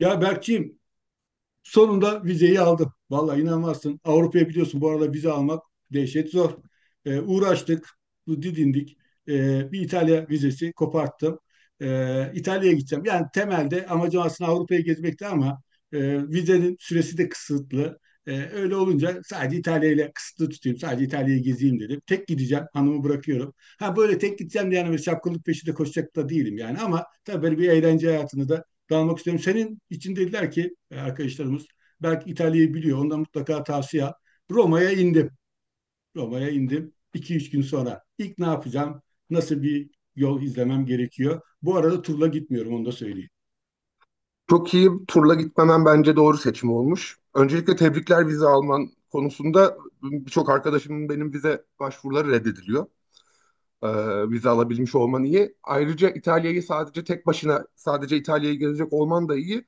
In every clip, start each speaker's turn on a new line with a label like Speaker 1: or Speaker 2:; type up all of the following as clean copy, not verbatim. Speaker 1: Ya Berkçiğim, sonunda vizeyi aldım. Vallahi inanmazsın. Avrupa'ya biliyorsun bu arada vize almak dehşet zor. Uğraştık, bu didindik. Bir İtalya vizesi koparttım. İtalya'ya gideceğim. Yani temelde amacım aslında Avrupa'yı gezmekti ama e, vizenin süresi de kısıtlı. Öyle olunca sadece İtalya ile kısıtlı tutayım. Sadece İtalya'yı gezeyim dedim. Tek gideceğim. Hanımı bırakıyorum. Ha böyle tek gideceğim diye yani böyle şapkınlık peşinde koşacak da değilim yani. Ama tabii böyle bir eğlence hayatını da dalmak istiyorum. Senin için dediler ki arkadaşlarımız belki İtalya'yı biliyor. Ondan mutlaka tavsiye. Roma'ya indim. Roma'ya indim. 2 üç gün sonra. İlk ne yapacağım? Nasıl bir yol izlemem gerekiyor? Bu arada turla gitmiyorum, onu da söyleyeyim.
Speaker 2: Çok iyi turla gitmemen bence doğru seçim olmuş. Öncelikle tebrikler vize alman konusunda birçok arkadaşımın benim vize başvuruları reddediliyor. Vize alabilmiş olman iyi. Ayrıca İtalya'yı sadece tek başına sadece İtalya'yı gezecek olman da iyi.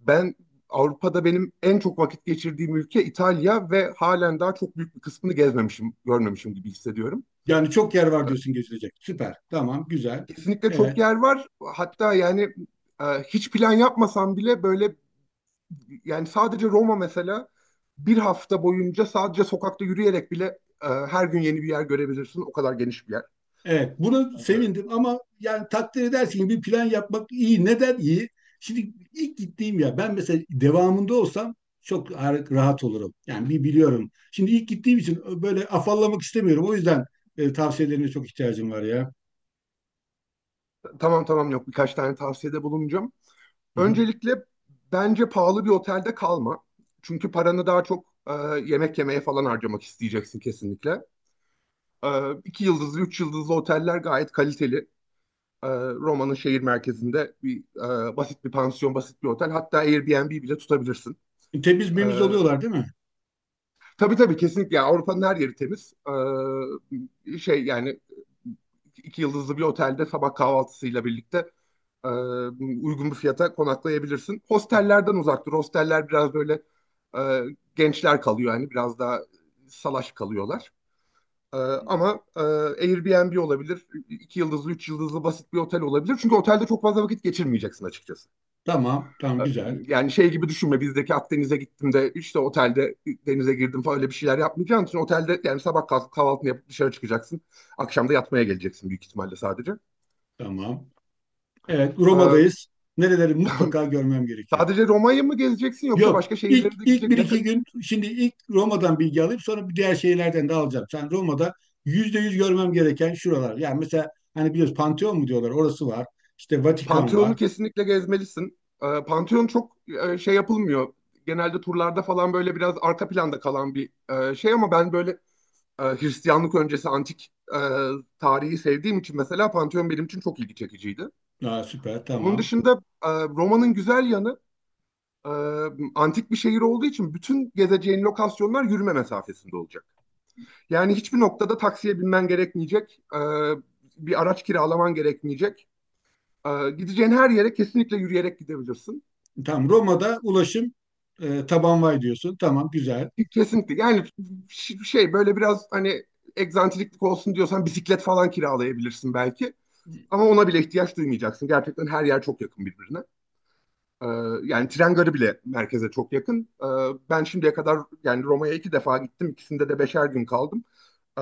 Speaker 2: Ben Avrupa'da benim en çok vakit geçirdiğim ülke İtalya ve halen daha çok büyük bir kısmını gezmemişim, görmemişim gibi hissediyorum.
Speaker 1: Yani çok yer var diyorsun gezilecek. Süper. Tamam. Güzel.
Speaker 2: Kesinlikle çok
Speaker 1: Evet.
Speaker 2: yer var. Hatta yani hiç plan yapmasam bile böyle yani sadece Roma mesela bir hafta boyunca sadece sokakta yürüyerek bile her gün yeni bir yer görebilirsin. O kadar geniş bir yer.
Speaker 1: Evet, bunu sevindim ama yani takdir edersin ki bir plan yapmak iyi. Neden iyi? Şimdi ilk gittiğim ya, ben mesela devamında olsam rahat olurum. Yani bir biliyorum. Şimdi ilk gittiğim için böyle afallamak istemiyorum. O yüzden tavsiyelerine çok ihtiyacım var ya.
Speaker 2: Tamam tamam, yok, birkaç tane tavsiyede bulunacağım.
Speaker 1: Hı
Speaker 2: Öncelikle bence pahalı bir otelde kalma. Çünkü paranı daha çok yemek yemeye falan harcamak isteyeceksin kesinlikle. E, iki yıldızlı, üç yıldızlı oteller gayet kaliteli. E, Roma'nın şehir merkezinde bir basit bir pansiyon, basit bir otel. Hatta Airbnb bile tutabilirsin.
Speaker 1: hı. Temiz
Speaker 2: E,
Speaker 1: memiz oluyorlar değil mi?
Speaker 2: Tabii tabii kesinlikle. Yani Avrupa'nın her yeri temiz. Şey yani iki yıldızlı bir otelde sabah kahvaltısıyla birlikte e, uygun bir fiyata konaklayabilirsin. Hostellerden uzak dur. Hosteller biraz böyle e, gençler kalıyor yani biraz daha salaş kalıyorlar. E, ama e, Airbnb olabilir, iki yıldızlı, üç yıldızlı basit bir otel olabilir. Çünkü otelde çok fazla vakit geçirmeyeceksin açıkçası.
Speaker 1: Tamam, tamam,
Speaker 2: Ee,
Speaker 1: güzel.
Speaker 2: Yani şey gibi düşünme, bizdeki Akdeniz'e gittim de işte otelde denize girdim falan, öyle bir şeyler yapmayacaksın. İçin otelde yani sabah kalk, kahvaltını yapıp dışarı çıkacaksın. Akşam da yatmaya geleceksin büyük ihtimalle sadece.
Speaker 1: Tamam. Evet,
Speaker 2: Ee,
Speaker 1: Roma'dayız. Nereleri mutlaka görmem gerekiyor?
Speaker 2: sadece Roma'yı mı gezeceksin yoksa
Speaker 1: Yok.
Speaker 2: başka
Speaker 1: İlk,
Speaker 2: şehirlere de
Speaker 1: ilk
Speaker 2: gidecek?
Speaker 1: bir iki gün, şimdi ilk Roma'dan bilgi alayım, sonra bir diğer şeylerden de alacağım. Sen Roma'da yüzde yüz görmem gereken şuralar. Yani mesela hani biliyoruz Pantheon mu diyorlar, orası var. İşte Vatikan var.
Speaker 2: Pantheon'u kesinlikle gezmelisin. Pantheon çok şey yapılmıyor. Genelde turlarda falan böyle biraz arka planda kalan bir şey, ama ben böyle Hristiyanlık öncesi antik tarihi sevdiğim için mesela Pantheon benim için çok ilgi çekiciydi.
Speaker 1: Aa, süper,
Speaker 2: Onun
Speaker 1: tamam.
Speaker 2: dışında Roma'nın güzel yanı, e, antik bir şehir olduğu için bütün gezeceğin lokasyonlar yürüme mesafesinde olacak. Yani hiçbir noktada taksiye binmen gerekmeyecek, bir araç kiralaman gerekmeyecek. E, Gideceğin her yere kesinlikle yürüyerek gidebilirsin.
Speaker 1: Tamam, Roma'da ulaşım tabanvay diyorsun. Tamam, güzel.
Speaker 2: Kesinlikle. Yani şey, böyle biraz hani egzantriklik olsun diyorsan bisiklet falan kiralayabilirsin belki. Ama ona bile ihtiyaç duymayacaksın. Gerçekten her yer çok yakın birbirine. Ee, yani tren garı bile merkeze çok yakın. Ben şimdiye kadar yani Roma'ya 2 defa gittim. İkisinde de 5'er gün kaldım. Ee,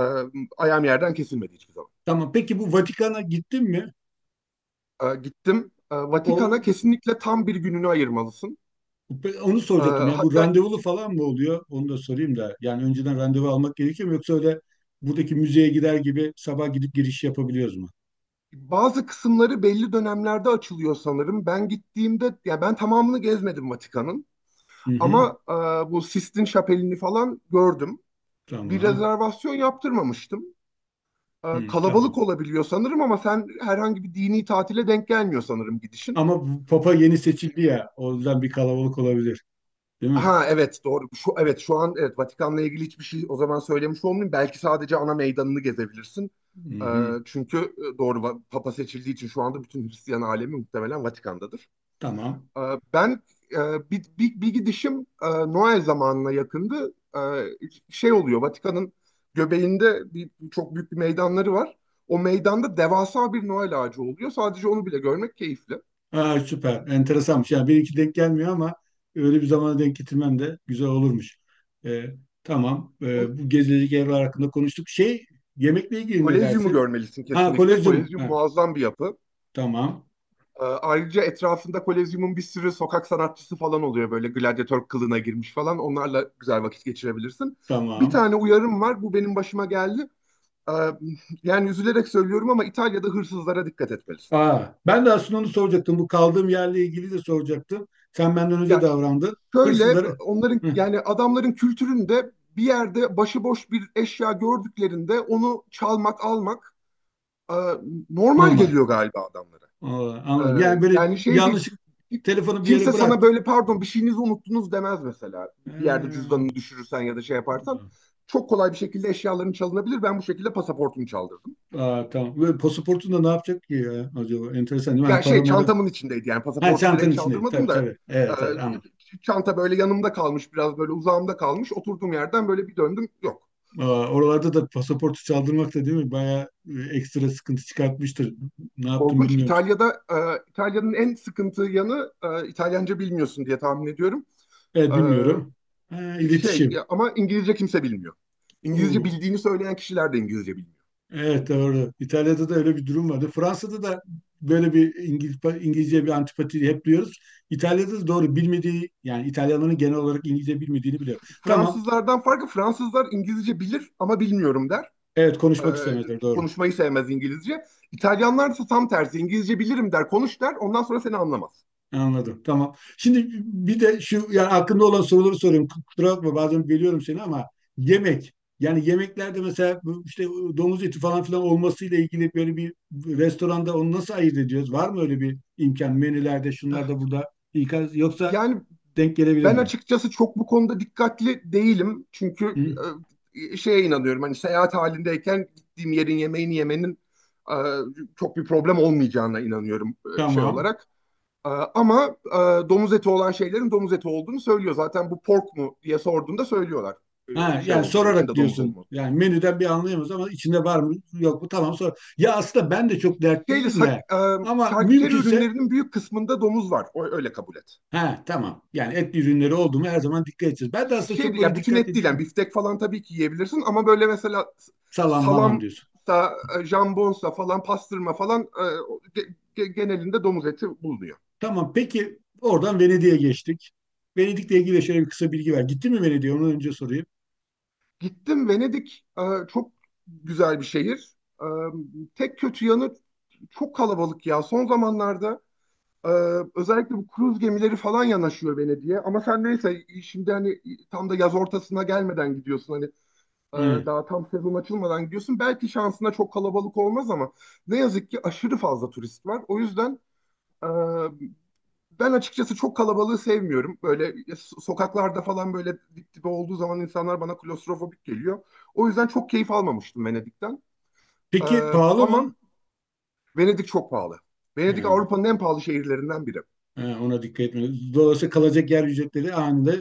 Speaker 2: ayağım yerden kesilmedi hiçbir zaman.
Speaker 1: Tamam, peki bu Vatikan'a gittin mi?
Speaker 2: Gittim. Vatikan'a
Speaker 1: O
Speaker 2: kesinlikle tam bir gününü ayırmalısın.
Speaker 1: Onu
Speaker 2: Ee,
Speaker 1: soracaktım ya, bu
Speaker 2: hatta
Speaker 1: randevulu falan mı oluyor? Onu da sorayım da. Yani önceden randevu almak gerekiyor mu, yoksa öyle buradaki müzeye gider gibi sabah gidip giriş yapabiliyoruz mu?
Speaker 2: bazı kısımları belli dönemlerde açılıyor sanırım. Ben gittiğimde, ya ben tamamını gezmedim Vatikan'ın.
Speaker 1: Hı hı.
Speaker 2: Ama bu Sistine Şapeli'ni falan gördüm. Bir
Speaker 1: Tamam.
Speaker 2: rezervasyon yaptırmamıştım. e,
Speaker 1: Hı, tamam.
Speaker 2: kalabalık olabiliyor sanırım ama sen herhangi bir dini tatile denk gelmiyor sanırım gidişin.
Speaker 1: Ama bu Papa yeni seçildi ya. O yüzden bir kalabalık olabilir. Değil mi?
Speaker 2: Ha evet, doğru. Şu evet, şu an evet, Vatikan'la ilgili hiçbir şey o zaman söylemiş olmayayım. Belki sadece ana meydanını gezebilirsin.
Speaker 1: Hı
Speaker 2: E,
Speaker 1: hı.
Speaker 2: çünkü Papa seçildiği için şu anda bütün Hristiyan alemi muhtemelen Vatikan'dadır.
Speaker 1: Tamam.
Speaker 2: Ee, Ben bir gidişim Noel zamanına yakındı. Şey oluyor, Vatikan'ın göbeğinde çok büyük bir meydanları var. O meydanda devasa bir Noel ağacı oluyor. Sadece onu bile görmek keyifli.
Speaker 1: Aa, süper. Enteresanmış. Yani benimki denk gelmiyor ama öyle bir zamana denk getirmem de güzel olurmuş. Ee, tamam.
Speaker 2: Onu-
Speaker 1: Bu gezilecek evler hakkında konuştuk. Şey, yemekle ilgili ne
Speaker 2: Kolezyumu
Speaker 1: dersin?
Speaker 2: görmelisin
Speaker 1: Ha,
Speaker 2: kesinlikle.
Speaker 1: kolezyum.
Speaker 2: Kolezyum
Speaker 1: Ha,
Speaker 2: muazzam bir yapı.
Speaker 1: tamam.
Speaker 2: Ayrıca etrafında Kolezyum'un bir sürü sokak sanatçısı falan oluyor, böyle gladyatör kılığına girmiş falan. Onlarla güzel vakit geçirebilirsin. Bir
Speaker 1: Tamam.
Speaker 2: tane uyarım var. Bu benim başıma geldi. Ee, yani üzülerek söylüyorum ama İtalya'da hırsızlara dikkat etmelisin.
Speaker 1: Aa, ben de aslında onu soracaktım. Bu kaldığım yerle ilgili de soracaktım. Sen benden önce
Speaker 2: Ya
Speaker 1: davrandın.
Speaker 2: şöyle,
Speaker 1: Hırsızları.
Speaker 2: onların
Speaker 1: Hı,
Speaker 2: yani adamların kültüründe bir yerde başıboş bir eşya gördüklerinde onu çalmak, almak e, normal
Speaker 1: normal.
Speaker 2: geliyor galiba adamlara.
Speaker 1: Aa, anladım.
Speaker 2: Ee,
Speaker 1: Yani böyle
Speaker 2: yani şey değil.
Speaker 1: yanlış, telefonu bir yere
Speaker 2: Kimse sana
Speaker 1: bıraktık.
Speaker 2: böyle pardon, bir şeyinizi unuttunuz demez mesela. Bir yerde
Speaker 1: Ee,
Speaker 2: cüzdanını düşürürsen ya da şey yaparsan çok kolay bir şekilde eşyaların çalınabilir. Ben bu şekilde pasaportumu çaldırdım.
Speaker 1: Aa, tamam. Ve pasaportun da ne yapacak ki ya acaba? Enteresan değil mi? Hani
Speaker 2: Ya
Speaker 1: para
Speaker 2: şey,
Speaker 1: mara.
Speaker 2: çantamın içindeydi yani
Speaker 1: Ha,
Speaker 2: pasaportu
Speaker 1: çantanın
Speaker 2: direkt
Speaker 1: içindeydi. Tabii
Speaker 2: çaldırmadım da
Speaker 1: tabii.
Speaker 2: e,
Speaker 1: Evet evet, anladım.
Speaker 2: çanta böyle yanımda kalmış, biraz böyle uzağımda kalmış, oturduğum yerden böyle bir döndüm, yok.
Speaker 1: Aa, oralarda da pasaportu çaldırmak da değil mi? Bayağı ekstra sıkıntı çıkartmıştır. Ne yaptım
Speaker 2: Korkunç.
Speaker 1: bilmiyorum.
Speaker 2: İtalya'da İtalya'nın en sıkıntı yanı, İtalyanca bilmiyorsun diye tahmin ediyorum.
Speaker 1: Evet, bilmiyorum. Ha,
Speaker 2: Şey
Speaker 1: iletişim.
Speaker 2: ya, ama İngilizce kimse bilmiyor. İngilizce
Speaker 1: Oo.
Speaker 2: bildiğini söyleyen kişiler de İngilizce bilmiyor.
Speaker 1: Evet doğru. İtalya'da da öyle bir durum vardı. Fransa'da da böyle bir İngiliz, İngilizce bir antipati hep duyuyoruz. İtalya'da da doğru, bilmediği, yani İtalyanların genel olarak İngilizce bilmediğini biliyorum. Tamam.
Speaker 2: Fransızlardan farkı, Fransızlar İngilizce bilir ama bilmiyorum der.
Speaker 1: Evet,
Speaker 2: E,
Speaker 1: konuşmak istemezler, doğru.
Speaker 2: konuşmayı sevmez İngilizce. İtalyanlar ise tam tersi, İngilizce bilirim der, konuş der, ondan sonra seni anlamaz.
Speaker 1: Anladım. Tamam. Şimdi bir de şu, yani aklımda olan soruları soruyorum. Kusura bakma, bazen bölüyorum seni ama yemek. Yani yemeklerde mesela bu işte domuz eti falan filan olmasıyla ilgili böyle bir restoranda onu nasıl ayırt ediyoruz? Var mı öyle bir imkan menülerde, şunlarda, burada İkaz- Yoksa
Speaker 2: Yani
Speaker 1: denk gelebilir
Speaker 2: ben
Speaker 1: mi?
Speaker 2: açıkçası çok bu konuda dikkatli değilim. Çünkü
Speaker 1: Hı?
Speaker 2: şeye inanıyorum, hani seyahat halindeyken gittiğim yerin yemeğini yemenin e, çok bir problem olmayacağına inanıyorum şey
Speaker 1: Tamam.
Speaker 2: olarak. Ama domuz eti olan şeylerin domuz eti olduğunu söylüyor. Zaten bu pork mu diye sorduğunda söylüyorlar
Speaker 1: Ha,
Speaker 2: şey
Speaker 1: yani
Speaker 2: olduğunu,
Speaker 1: sorarak
Speaker 2: içinde domuz
Speaker 1: diyorsun.
Speaker 2: olmadığını.
Speaker 1: Yani menüden bir anlayamıyoruz ama içinde var mı yok mu, tamam, sor. Ya aslında ben de çok dert
Speaker 2: Şeyle
Speaker 1: değilim
Speaker 2: sak-
Speaker 1: de
Speaker 2: e,
Speaker 1: ama
Speaker 2: şarküteri
Speaker 1: mümkünse
Speaker 2: ürünlerinin büyük kısmında domuz var. O, öyle kabul et.
Speaker 1: ha tamam. Yani etli ürünleri oldu mu her zaman dikkat edeceğiz. Ben de aslında
Speaker 2: Şey
Speaker 1: çok böyle
Speaker 2: ya, bütün et
Speaker 1: dikkatli
Speaker 2: değil yani,
Speaker 1: değilim.
Speaker 2: biftek falan tabii ki yiyebilirsin ama böyle mesela
Speaker 1: Salam malam
Speaker 2: salam
Speaker 1: diyorsun.
Speaker 2: da jambonsa falan, pastırma falan genelinde domuz eti bulunuyor.
Speaker 1: Tamam, peki oradan Venedik'e geçtik. Venedik'le ilgili şöyle bir kısa bilgi ver. Gitti mi Venedik'e? Onu önce sorayım.
Speaker 2: Gittim Venedik, çok güzel bir şehir. E, Tek kötü yanı çok kalabalık ya. Son zamanlarda e, özellikle bu kruz gemileri falan yanaşıyor Venedik'e. Ama sen neyse, şimdi hani tam da yaz ortasına gelmeden gidiyorsun. Hani Ee,
Speaker 1: He.
Speaker 2: Daha tam sezon açılmadan gidiyorsun. Belki şansına çok kalabalık olmaz ama ne yazık ki aşırı fazla turist var. O yüzden e, ben açıkçası çok kalabalığı sevmiyorum. Böyle sokaklarda falan böyle dip dibe olduğu zaman insanlar bana klostrofobik geliyor. O yüzden çok keyif almamıştım Venedik'ten. Ee,
Speaker 1: Peki pahalı mı?
Speaker 2: Ama Venedik çok pahalı.
Speaker 1: He,
Speaker 2: Venedik Avrupa'nın en pahalı şehirlerinden biri.
Speaker 1: he, ona dikkat etmiyoruz. Dolayısıyla kalacak yer ücretleri anında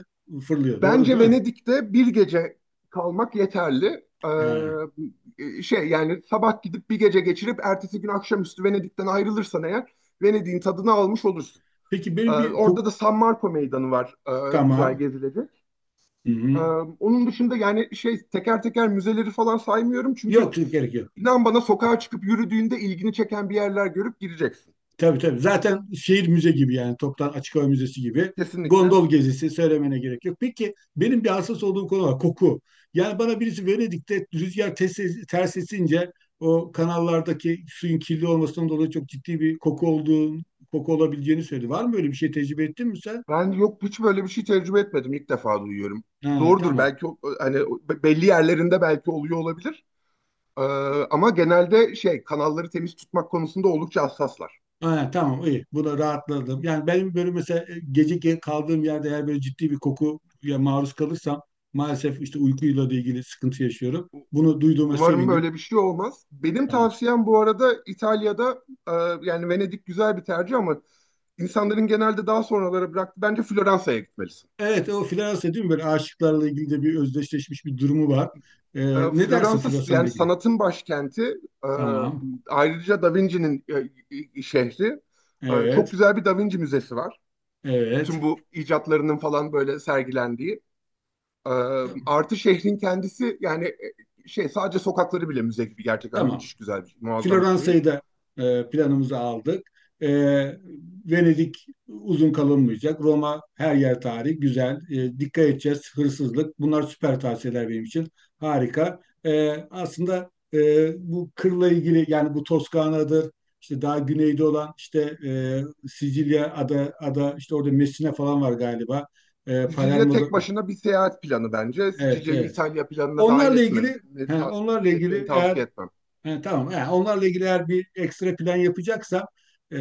Speaker 1: fırlıyor. Doğru
Speaker 2: Bence
Speaker 1: değil mi?
Speaker 2: Venedik'te bir gece kalmak yeterli.
Speaker 1: He.
Speaker 2: Şey yani sabah gidip bir gece geçirip ertesi gün akşamüstü Venedik'ten ayrılırsan eğer, Venedik'in tadını almış olursun.
Speaker 1: Peki
Speaker 2: Ee,
Speaker 1: benim bir kok
Speaker 2: orada da San Marco Meydanı var, güzel
Speaker 1: tamam.
Speaker 2: gezilecek. Ee,
Speaker 1: Hı-hı.
Speaker 2: onun dışında yani şey, teker teker müzeleri falan saymıyorum çünkü
Speaker 1: Yok yok, gerek yok.
Speaker 2: inan bana sokağa çıkıp yürüdüğünde ilgini çeken bir yerler görüp gireceksin.
Speaker 1: Tabii tabii. Zaten şehir müze gibi, yani toptan açık hava müzesi gibi.
Speaker 2: Kesinlikle.
Speaker 1: Gondol gezisi söylemene gerek yok. Peki benim bir hassas olduğum konu var. Koku. Yani bana birisi Venedik'te rüzgar ters, ters esince o kanallardaki suyun kirli olmasından dolayı çok ciddi bir koku olduğunu, koku olabileceğini söyledi. Var mı böyle bir şey, tecrübe ettin mi sen?
Speaker 2: Ben yok, hiç böyle bir şey tecrübe etmedim. İlk defa duyuyorum.
Speaker 1: Ha,
Speaker 2: Doğrudur
Speaker 1: tamam.
Speaker 2: belki, hani belli yerlerinde belki oluyor olabilir. Ee, ama genelde şey, kanalları temiz tutmak konusunda oldukça hassaslar.
Speaker 1: Ha, tamam, iyi. Buna rahatladım. Yani benim böyle mesela kaldığım yerde eğer böyle ciddi bir kokuya maruz kalırsam maalesef işte uykuyla da ilgili sıkıntı yaşıyorum. Bunu duyduğuma
Speaker 2: Umarım
Speaker 1: sevindim.
Speaker 2: böyle bir şey olmaz. Benim
Speaker 1: Tamam.
Speaker 2: tavsiyem bu arada İtalya'da yani Venedik güzel bir tercih ama insanların genelde daha sonralara bıraktı. Bence Floransa'ya gitmelisin.
Speaker 1: Evet, o floresan değil mi? Böyle aşıklarla ilgili de bir özdeşleşmiş bir durumu var. Ee, Ne dersin
Speaker 2: Floransa
Speaker 1: floresanla
Speaker 2: yani
Speaker 1: ilgili?
Speaker 2: sanatın başkenti. E,
Speaker 1: Tamam.
Speaker 2: Ayrıca Da Vinci'nin şehri. Çok
Speaker 1: Evet.
Speaker 2: güzel bir Da Vinci müzesi var.
Speaker 1: Evet.
Speaker 2: Bütün bu icatlarının falan böyle sergilendiği. E,
Speaker 1: Tamam.
Speaker 2: Artı şehrin kendisi yani şey, sadece sokakları bile müze gibi, gerçekten
Speaker 1: Tamam.
Speaker 2: müthiş güzel bir şey, muazzam bir şehir.
Speaker 1: Floransa'yı da planımıza aldık. E, Venedik uzun kalınmayacak. Roma her yer tarih, güzel. E, dikkat edeceğiz, hırsızlık. Bunlar süper tavsiyeler benim için. Harika. Aslında bu kırla ilgili, yani bu Toskana'dır, İşte daha güneyde olan işte Sicilya ada işte orada Messina falan var galiba. E,
Speaker 2: Sicilya
Speaker 1: Palermo'da
Speaker 2: tek başına bir seyahat planı bence.
Speaker 1: evet
Speaker 2: Sicilya'yı
Speaker 1: evet.
Speaker 2: İtalya planına dahil
Speaker 1: Onlarla
Speaker 2: etmem,
Speaker 1: ilgili he,
Speaker 2: ta-
Speaker 1: onlarla
Speaker 2: etmeni
Speaker 1: ilgili eğer
Speaker 2: tavsiye etmem.
Speaker 1: he, tamam. He, onlarla ilgili eğer bir ekstra plan yapacaksam e,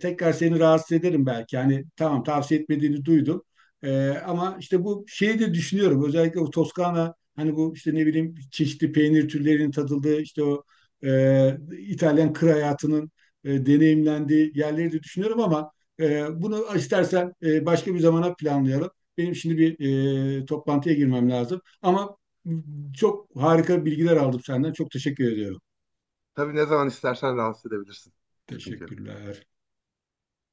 Speaker 1: tekrar seni rahatsız ederim belki. Yani tamam, tavsiye etmediğini duydum. Ama işte bu şeyi de düşünüyorum. Özellikle o Toskana, hani bu işte ne bileyim çeşitli peynir türlerinin tadıldığı işte o İtalyan kır hayatının deneyimlendiği yerleri de düşünüyorum ama bunu istersen başka bir zamana planlayalım. Benim şimdi bir toplantıya girmem lazım. Ama çok harika bilgiler aldım senden. Çok teşekkür ediyorum.
Speaker 2: Tabii, ne zaman istersen rahatsız edebilirsin. Sıkıntı yok.
Speaker 1: Teşekkürler.